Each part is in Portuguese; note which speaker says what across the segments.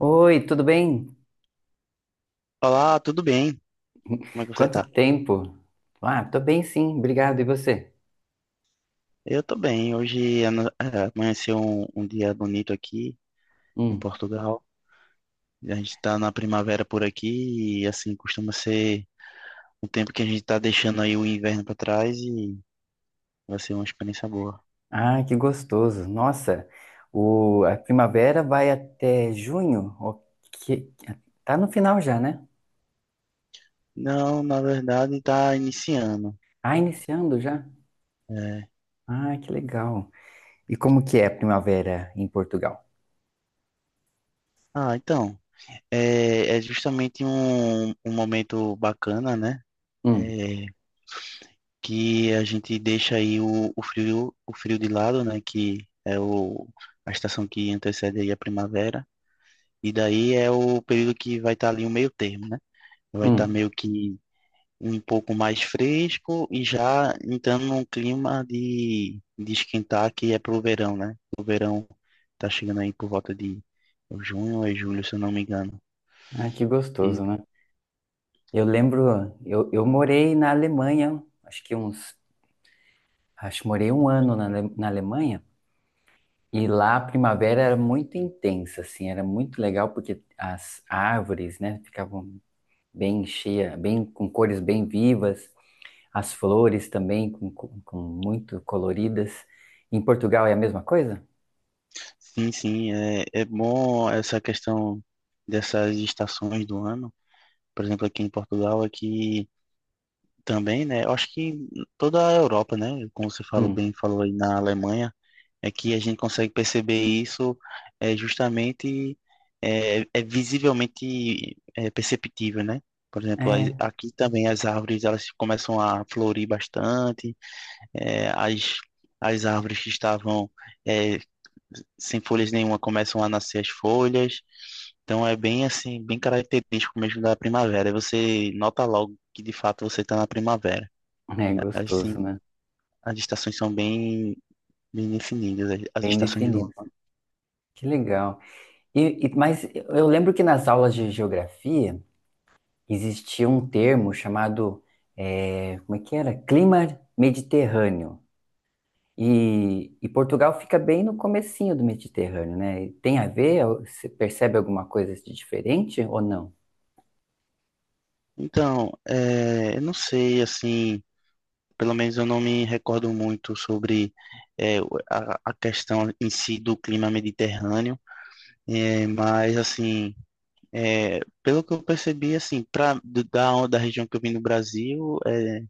Speaker 1: Oi, tudo bem?
Speaker 2: Olá, tudo bem? Como é que você
Speaker 1: Quanto
Speaker 2: tá?
Speaker 1: tempo? Ah, tô bem sim, obrigado. E você?
Speaker 2: Eu tô bem. Amanheceu um dia bonito aqui em
Speaker 1: Hum.
Speaker 2: Portugal. A gente tá na primavera por aqui e assim costuma ser um tempo que a gente tá deixando aí o inverno pra trás e vai ser uma experiência boa.
Speaker 1: Ah, que gostoso. Nossa, a primavera vai até junho? Que- tá no final já, né?
Speaker 2: Não, na verdade tá iniciando.
Speaker 1: Ah, iniciando já?
Speaker 2: É.
Speaker 1: Ah, que legal. E como que é a primavera em Portugal?
Speaker 2: Ah, então, é justamente um momento bacana, né?
Speaker 1: Hum,
Speaker 2: É, que a gente deixa aí o frio, o frio de lado, né? Que é o, a estação que antecede aí a primavera. E daí é o período que vai estar ali o meio termo, né? Vai estar
Speaker 1: hum.
Speaker 2: meio que um pouco mais fresco e já entrando num clima de esquentar que é pro verão, né? O verão tá chegando aí por volta de junho ou julho, se eu não me engano.
Speaker 1: Ah, que
Speaker 2: E
Speaker 1: gostoso, né? Eu lembro, eu morei na Alemanha, acho que uns, acho que morei um ano na na Alemanha. E lá a primavera era muito intensa, assim, era muito legal porque as árvores, né, ficavam bem cheias, bem com cores bem vivas, as flores também com muito coloridas. Em Portugal é a mesma coisa?
Speaker 2: sim, sim, é, é bom essa questão dessas estações do ano, por exemplo, aqui em Portugal, aqui também, né? Eu acho que em toda a Europa, né? Como você falou
Speaker 1: Hum,
Speaker 2: bem, falou aí na Alemanha, é que a gente consegue perceber isso é justamente é visivelmente perceptível, né? Por exemplo,
Speaker 1: é,
Speaker 2: aqui também as árvores elas começam a florir bastante, as, as árvores que estavam é, sem folhas nenhuma começam a nascer as folhas. Então é bem assim, bem característico mesmo da primavera. E você nota logo que de fato você está na primavera.
Speaker 1: é gostoso,
Speaker 2: Assim,
Speaker 1: né?
Speaker 2: as estações são bem, bem definidas, as
Speaker 1: Bem
Speaker 2: estações do
Speaker 1: definido.
Speaker 2: ano.
Speaker 1: Que legal. Mas eu lembro que nas aulas de geografia existia um termo chamado, como é que era? Clima Mediterrâneo. E Portugal fica bem no comecinho do Mediterrâneo, né? E tem a ver? Você percebe alguma coisa de diferente ou não?
Speaker 2: Então, é, eu não sei, assim, pelo menos eu não me recordo muito sobre é, a questão em si do clima mediterrâneo, é, mas assim. Pelo que eu percebi, assim, da região que eu vim no Brasil, é,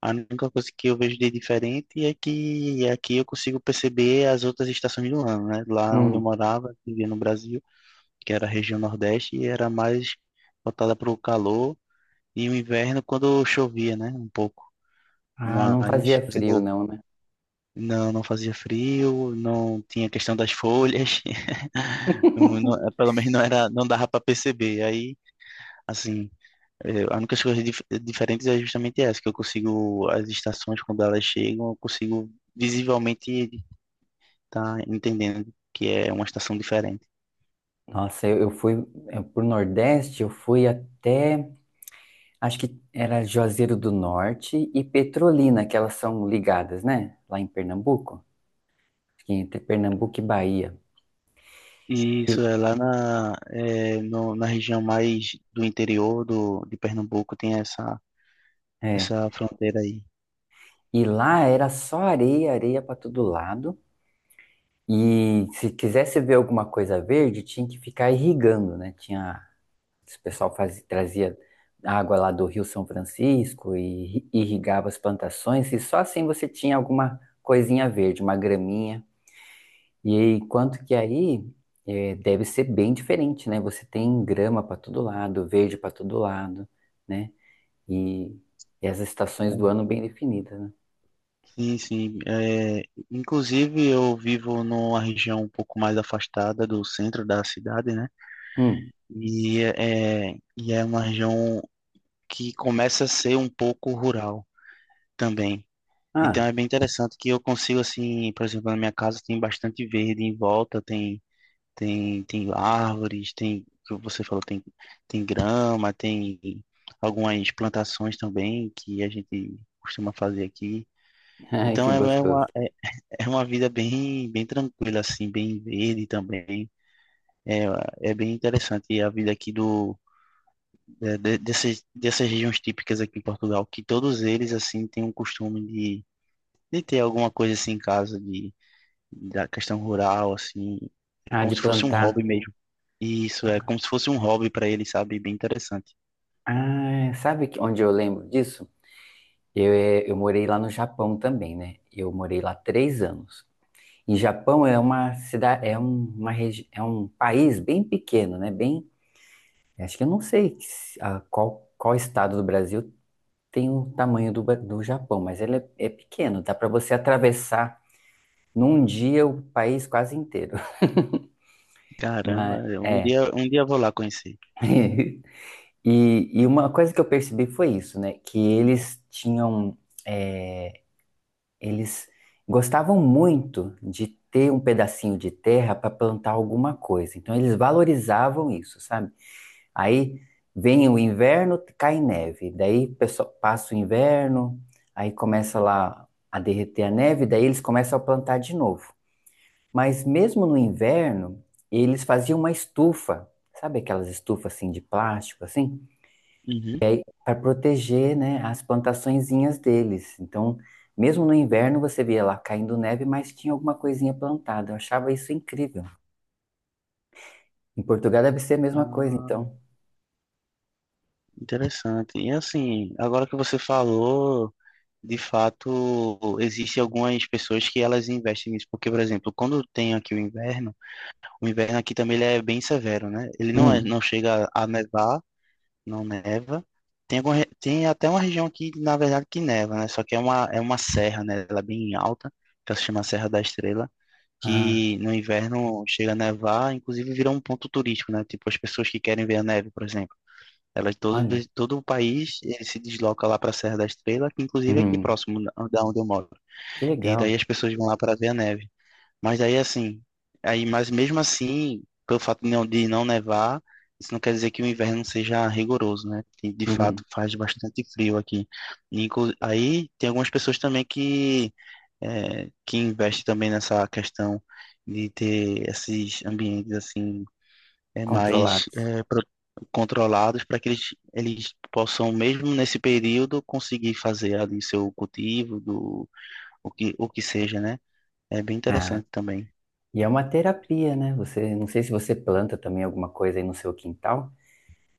Speaker 2: a única coisa que eu vejo de diferente é que aqui eu consigo perceber as outras estações do ano, né? Lá onde eu
Speaker 1: Hum.
Speaker 2: morava, vivia no Brasil, que era a região Nordeste, e era mais voltada para o calor e o inverno quando chovia, né? Um pouco.
Speaker 1: Ah, não
Speaker 2: Mas,
Speaker 1: fazia
Speaker 2: por
Speaker 1: frio
Speaker 2: exemplo,
Speaker 1: não, né?
Speaker 2: não, não fazia frio, não tinha questão das folhas, pelo menos não era, não dava para perceber. Aí, assim. É, a única coisa diferente é justamente essa, que eu consigo, as estações, quando elas chegam, eu consigo visivelmente estar entendendo que é uma estação diferente.
Speaker 1: Nossa, eu pro Nordeste, eu fui até, acho que era Juazeiro do Norte e Petrolina, que elas são ligadas, né? Lá em Pernambuco, acho que entre Pernambuco e Bahia.
Speaker 2: E
Speaker 1: E,
Speaker 2: isso é lá na, é, na região mais do interior do, de Pernambuco, tem essa,
Speaker 1: é,
Speaker 2: essa fronteira aí.
Speaker 1: e lá era só areia, areia para todo lado. E se quisesse ver alguma coisa verde, tinha que ficar irrigando, né? Tinha, o pessoal fazia, trazia água lá do Rio São Francisco e irrigava as plantações, e só assim você tinha alguma coisinha verde, uma graminha. E aí, enquanto que aí deve ser bem diferente, né? Você tem grama para todo lado, verde para todo lado, né? E, e as estações do ano bem definidas, né?
Speaker 2: Sim, sim. É, inclusive, eu vivo numa região um pouco mais afastada do centro da cidade, né?
Speaker 1: Hum.
Speaker 2: E é, e é uma região que começa a ser um pouco rural. Também. Então
Speaker 1: Ah,
Speaker 2: é bem interessante que eu consigo, assim, por exemplo, na minha casa tem bastante verde em volta, tem, tem árvores, tem, como você falou, tem, tem grama, tem algumas plantações também que a gente costuma fazer aqui.
Speaker 1: ai,
Speaker 2: Então
Speaker 1: que
Speaker 2: é
Speaker 1: gostoso.
Speaker 2: uma, é uma vida bem, bem tranquila, assim, bem verde também. É, é bem interessante e a vida aqui do, dessas, dessas regiões típicas aqui em Portugal, que todos eles, assim, têm um costume de ter alguma coisa assim em casa de, da questão rural, assim. É
Speaker 1: Ah,
Speaker 2: como
Speaker 1: de
Speaker 2: se fosse um hobby
Speaker 1: plantar.
Speaker 2: mesmo. E isso, é como se fosse um hobby para ele, sabe? Bem interessante.
Speaker 1: Ah, sabe onde eu lembro disso? Eu morei lá no Japão também, né? Eu morei lá 3 anos. E Japão é uma cidade, é uma é um país bem pequeno, né? Bem, acho que eu não sei a qual, qual estado do Brasil tem o tamanho do, do Japão, mas ele é, é pequeno. Dá para você atravessar num dia o país quase inteiro. Mas
Speaker 2: Caramba,
Speaker 1: é.
Speaker 2: um dia eu vou lá conhecer.
Speaker 1: E, e uma coisa que eu percebi foi isso, né? Que eles tinham eh, Eles gostavam muito de ter um pedacinho de terra para plantar alguma coisa. Então eles valorizavam isso, sabe? Aí vem o inverno, cai neve. Daí pessoal, passa o inverno, aí começa lá a derreter a neve, daí eles começam a plantar de novo. Mas mesmo no inverno, eles faziam uma estufa, sabe aquelas estufas assim de plástico assim?
Speaker 2: Uhum.
Speaker 1: Para proteger, né, as plantaçõezinhas deles. Então, mesmo no inverno você via lá caindo neve, mas tinha alguma coisinha plantada. Eu achava isso incrível. Em Portugal deve ser a mesma coisa,
Speaker 2: Ah,
Speaker 1: então.
Speaker 2: interessante. E assim, agora que você falou, de fato, existem algumas pessoas que elas investem nisso. Porque, por exemplo, quando tem aqui o inverno, o inverno aqui também ele é bem severo, né? Ele não é,
Speaker 1: Hum.
Speaker 2: não chega a nevar, não neva. Tem, tem até uma região aqui, na verdade, que neva, né? Só que é uma serra, né? Ela é bem alta, que ela se chama Serra da Estrela,
Speaker 1: Ah,
Speaker 2: que no inverno chega a nevar, inclusive vira um ponto turístico, né? Tipo, as pessoas que querem ver a neve, por exemplo. Elas, todo,
Speaker 1: olha.
Speaker 2: todo o país ele se desloca lá para a Serra da Estrela, que inclusive é aqui
Speaker 1: Hum.
Speaker 2: próximo da onde eu moro.
Speaker 1: Que
Speaker 2: E daí
Speaker 1: legal.
Speaker 2: as pessoas vão lá para ver a neve. Mas aí assim, aí, mas mesmo assim, pelo fato de não nevar, isso não quer dizer que o inverno seja rigoroso, né? De
Speaker 1: Uhum.
Speaker 2: fato, faz bastante frio aqui. E, aí tem algumas pessoas também que, é, que investem também nessa questão de ter esses ambientes assim, é, mais
Speaker 1: Controlados.
Speaker 2: é, pro- controlados para que eles possam, mesmo nesse período, conseguir fazer ali seu cultivo, do, o que seja, né? É bem
Speaker 1: Ah,
Speaker 2: interessante também.
Speaker 1: e é uma terapia, né? Você, não sei se você planta também alguma coisa aí no seu quintal,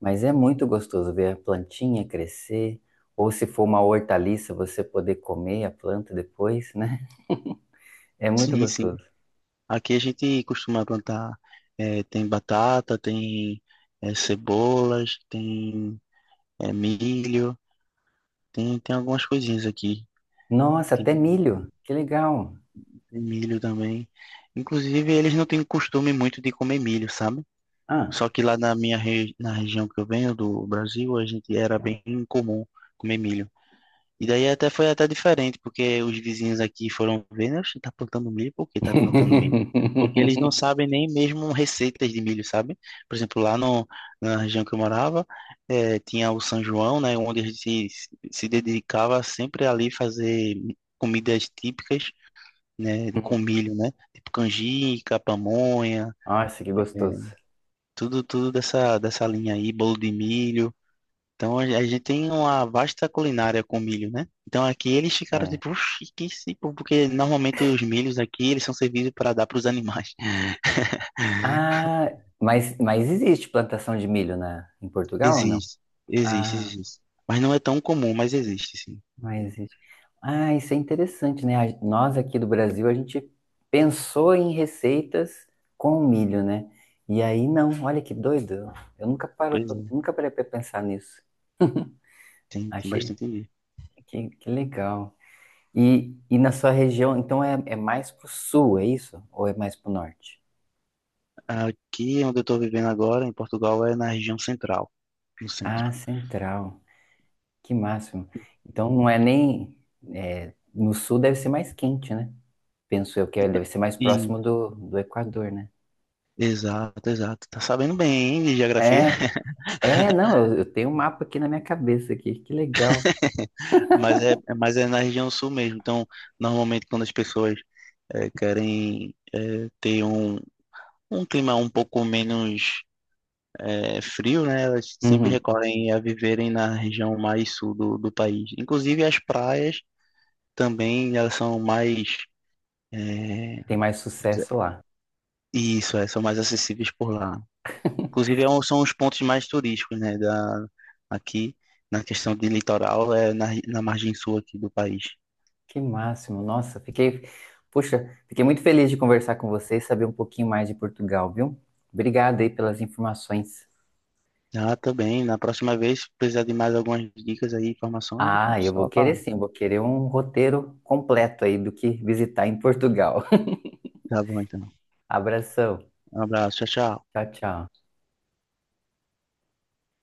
Speaker 1: mas é muito gostoso ver a plantinha crescer, ou se for uma hortaliça, você poder comer a planta depois, né? É muito
Speaker 2: Sim, sim.
Speaker 1: gostoso.
Speaker 2: Aqui a gente costuma plantar, tem batata, tem, cebolas, tem, milho, tem, tem algumas coisinhas aqui.
Speaker 1: Nossa,
Speaker 2: Tem,
Speaker 1: até milho. Que legal.
Speaker 2: tem milho também. Inclusive, eles não têm costume muito de comer milho, sabe?
Speaker 1: Ah.
Speaker 2: Só que lá na na região que eu venho do Brasil, a gente era bem comum comer milho. E daí até foi até diferente, porque os vizinhos aqui foram vendo, oxe, tá plantando milho, por que tá plantando milho? Porque eles não sabem nem mesmo receitas de milho, sabe? Por exemplo, lá no, na região que eu morava, tinha o São João, né, onde a gente se, se dedicava sempre ali fazer comidas típicas, né, com milho, né? Tipo canjica, pamonha,
Speaker 1: Nossa, que gostoso.
Speaker 2: tudo, tudo dessa, dessa linha aí, bolo de milho. Então a gente tem uma vasta culinária com milho, né? Então aqui eles ficaram
Speaker 1: É.
Speaker 2: tipo, "Oxi, que se..." porque normalmente os milhos aqui eles são servidos para dar para os animais.
Speaker 1: Ah, mas existe plantação de milho na, em Portugal ou não?
Speaker 2: Existe, existe,
Speaker 1: Ah,
Speaker 2: existe. Mas não é tão comum, mas existe, sim.
Speaker 1: mas existe. Ah, isso é interessante, né? A- Nós aqui do Brasil, a gente pensou em receitas com milho, né? E aí, não, olha que doido. Eu nunca paro,
Speaker 2: Pois é,
Speaker 1: nunca parei para pensar nisso.
Speaker 2: tem, tem
Speaker 1: Achei.
Speaker 2: bastante milho.
Speaker 1: Que legal. E na sua região, então é, é mais pro sul, é isso? Ou é mais pro norte?
Speaker 2: Aqui onde eu estou vivendo agora, em Portugal, é na região central, no
Speaker 1: Ah,
Speaker 2: centro.
Speaker 1: central. Que máximo. Então não é nem. É, no sul deve ser mais quente, né? Penso eu que é,
Speaker 2: Então,
Speaker 1: deve ser mais
Speaker 2: e,
Speaker 1: próximo do, do Equador, né?
Speaker 2: exato, exato. Tá sabendo bem, hein, de geografia?
Speaker 1: É, é, não, eu tenho um mapa aqui na minha cabeça aqui. Que legal.
Speaker 2: Mas é na região sul mesmo. Então, normalmente quando as pessoas querem ter um um clima um pouco menos é, frio, né? Elas sempre
Speaker 1: Uhum,
Speaker 2: recorrem a viverem na região mais sul do, do país. Inclusive as praias também elas são mais é,
Speaker 1: tem mais sucesso lá.
Speaker 2: isso, é, são mais acessíveis por lá. Inclusive é são os pontos mais turísticos, né? Da aqui na questão de litoral é na, na margem sul aqui do país.
Speaker 1: Que máximo. Nossa, fiquei. Puxa, fiquei muito feliz de conversar com você e saber um pouquinho mais de Portugal, viu? Obrigado aí pelas informações.
Speaker 2: Ah, também. Na próxima vez, se precisar de mais algumas dicas aí, informações, pô,
Speaker 1: Ah, eu vou
Speaker 2: só
Speaker 1: querer
Speaker 2: falar.
Speaker 1: sim, vou querer um roteiro completo aí do que visitar em Portugal.
Speaker 2: Tá bom, então.
Speaker 1: Abração.
Speaker 2: Um abraço, tchau, tchau.
Speaker 1: Tchau, tchau.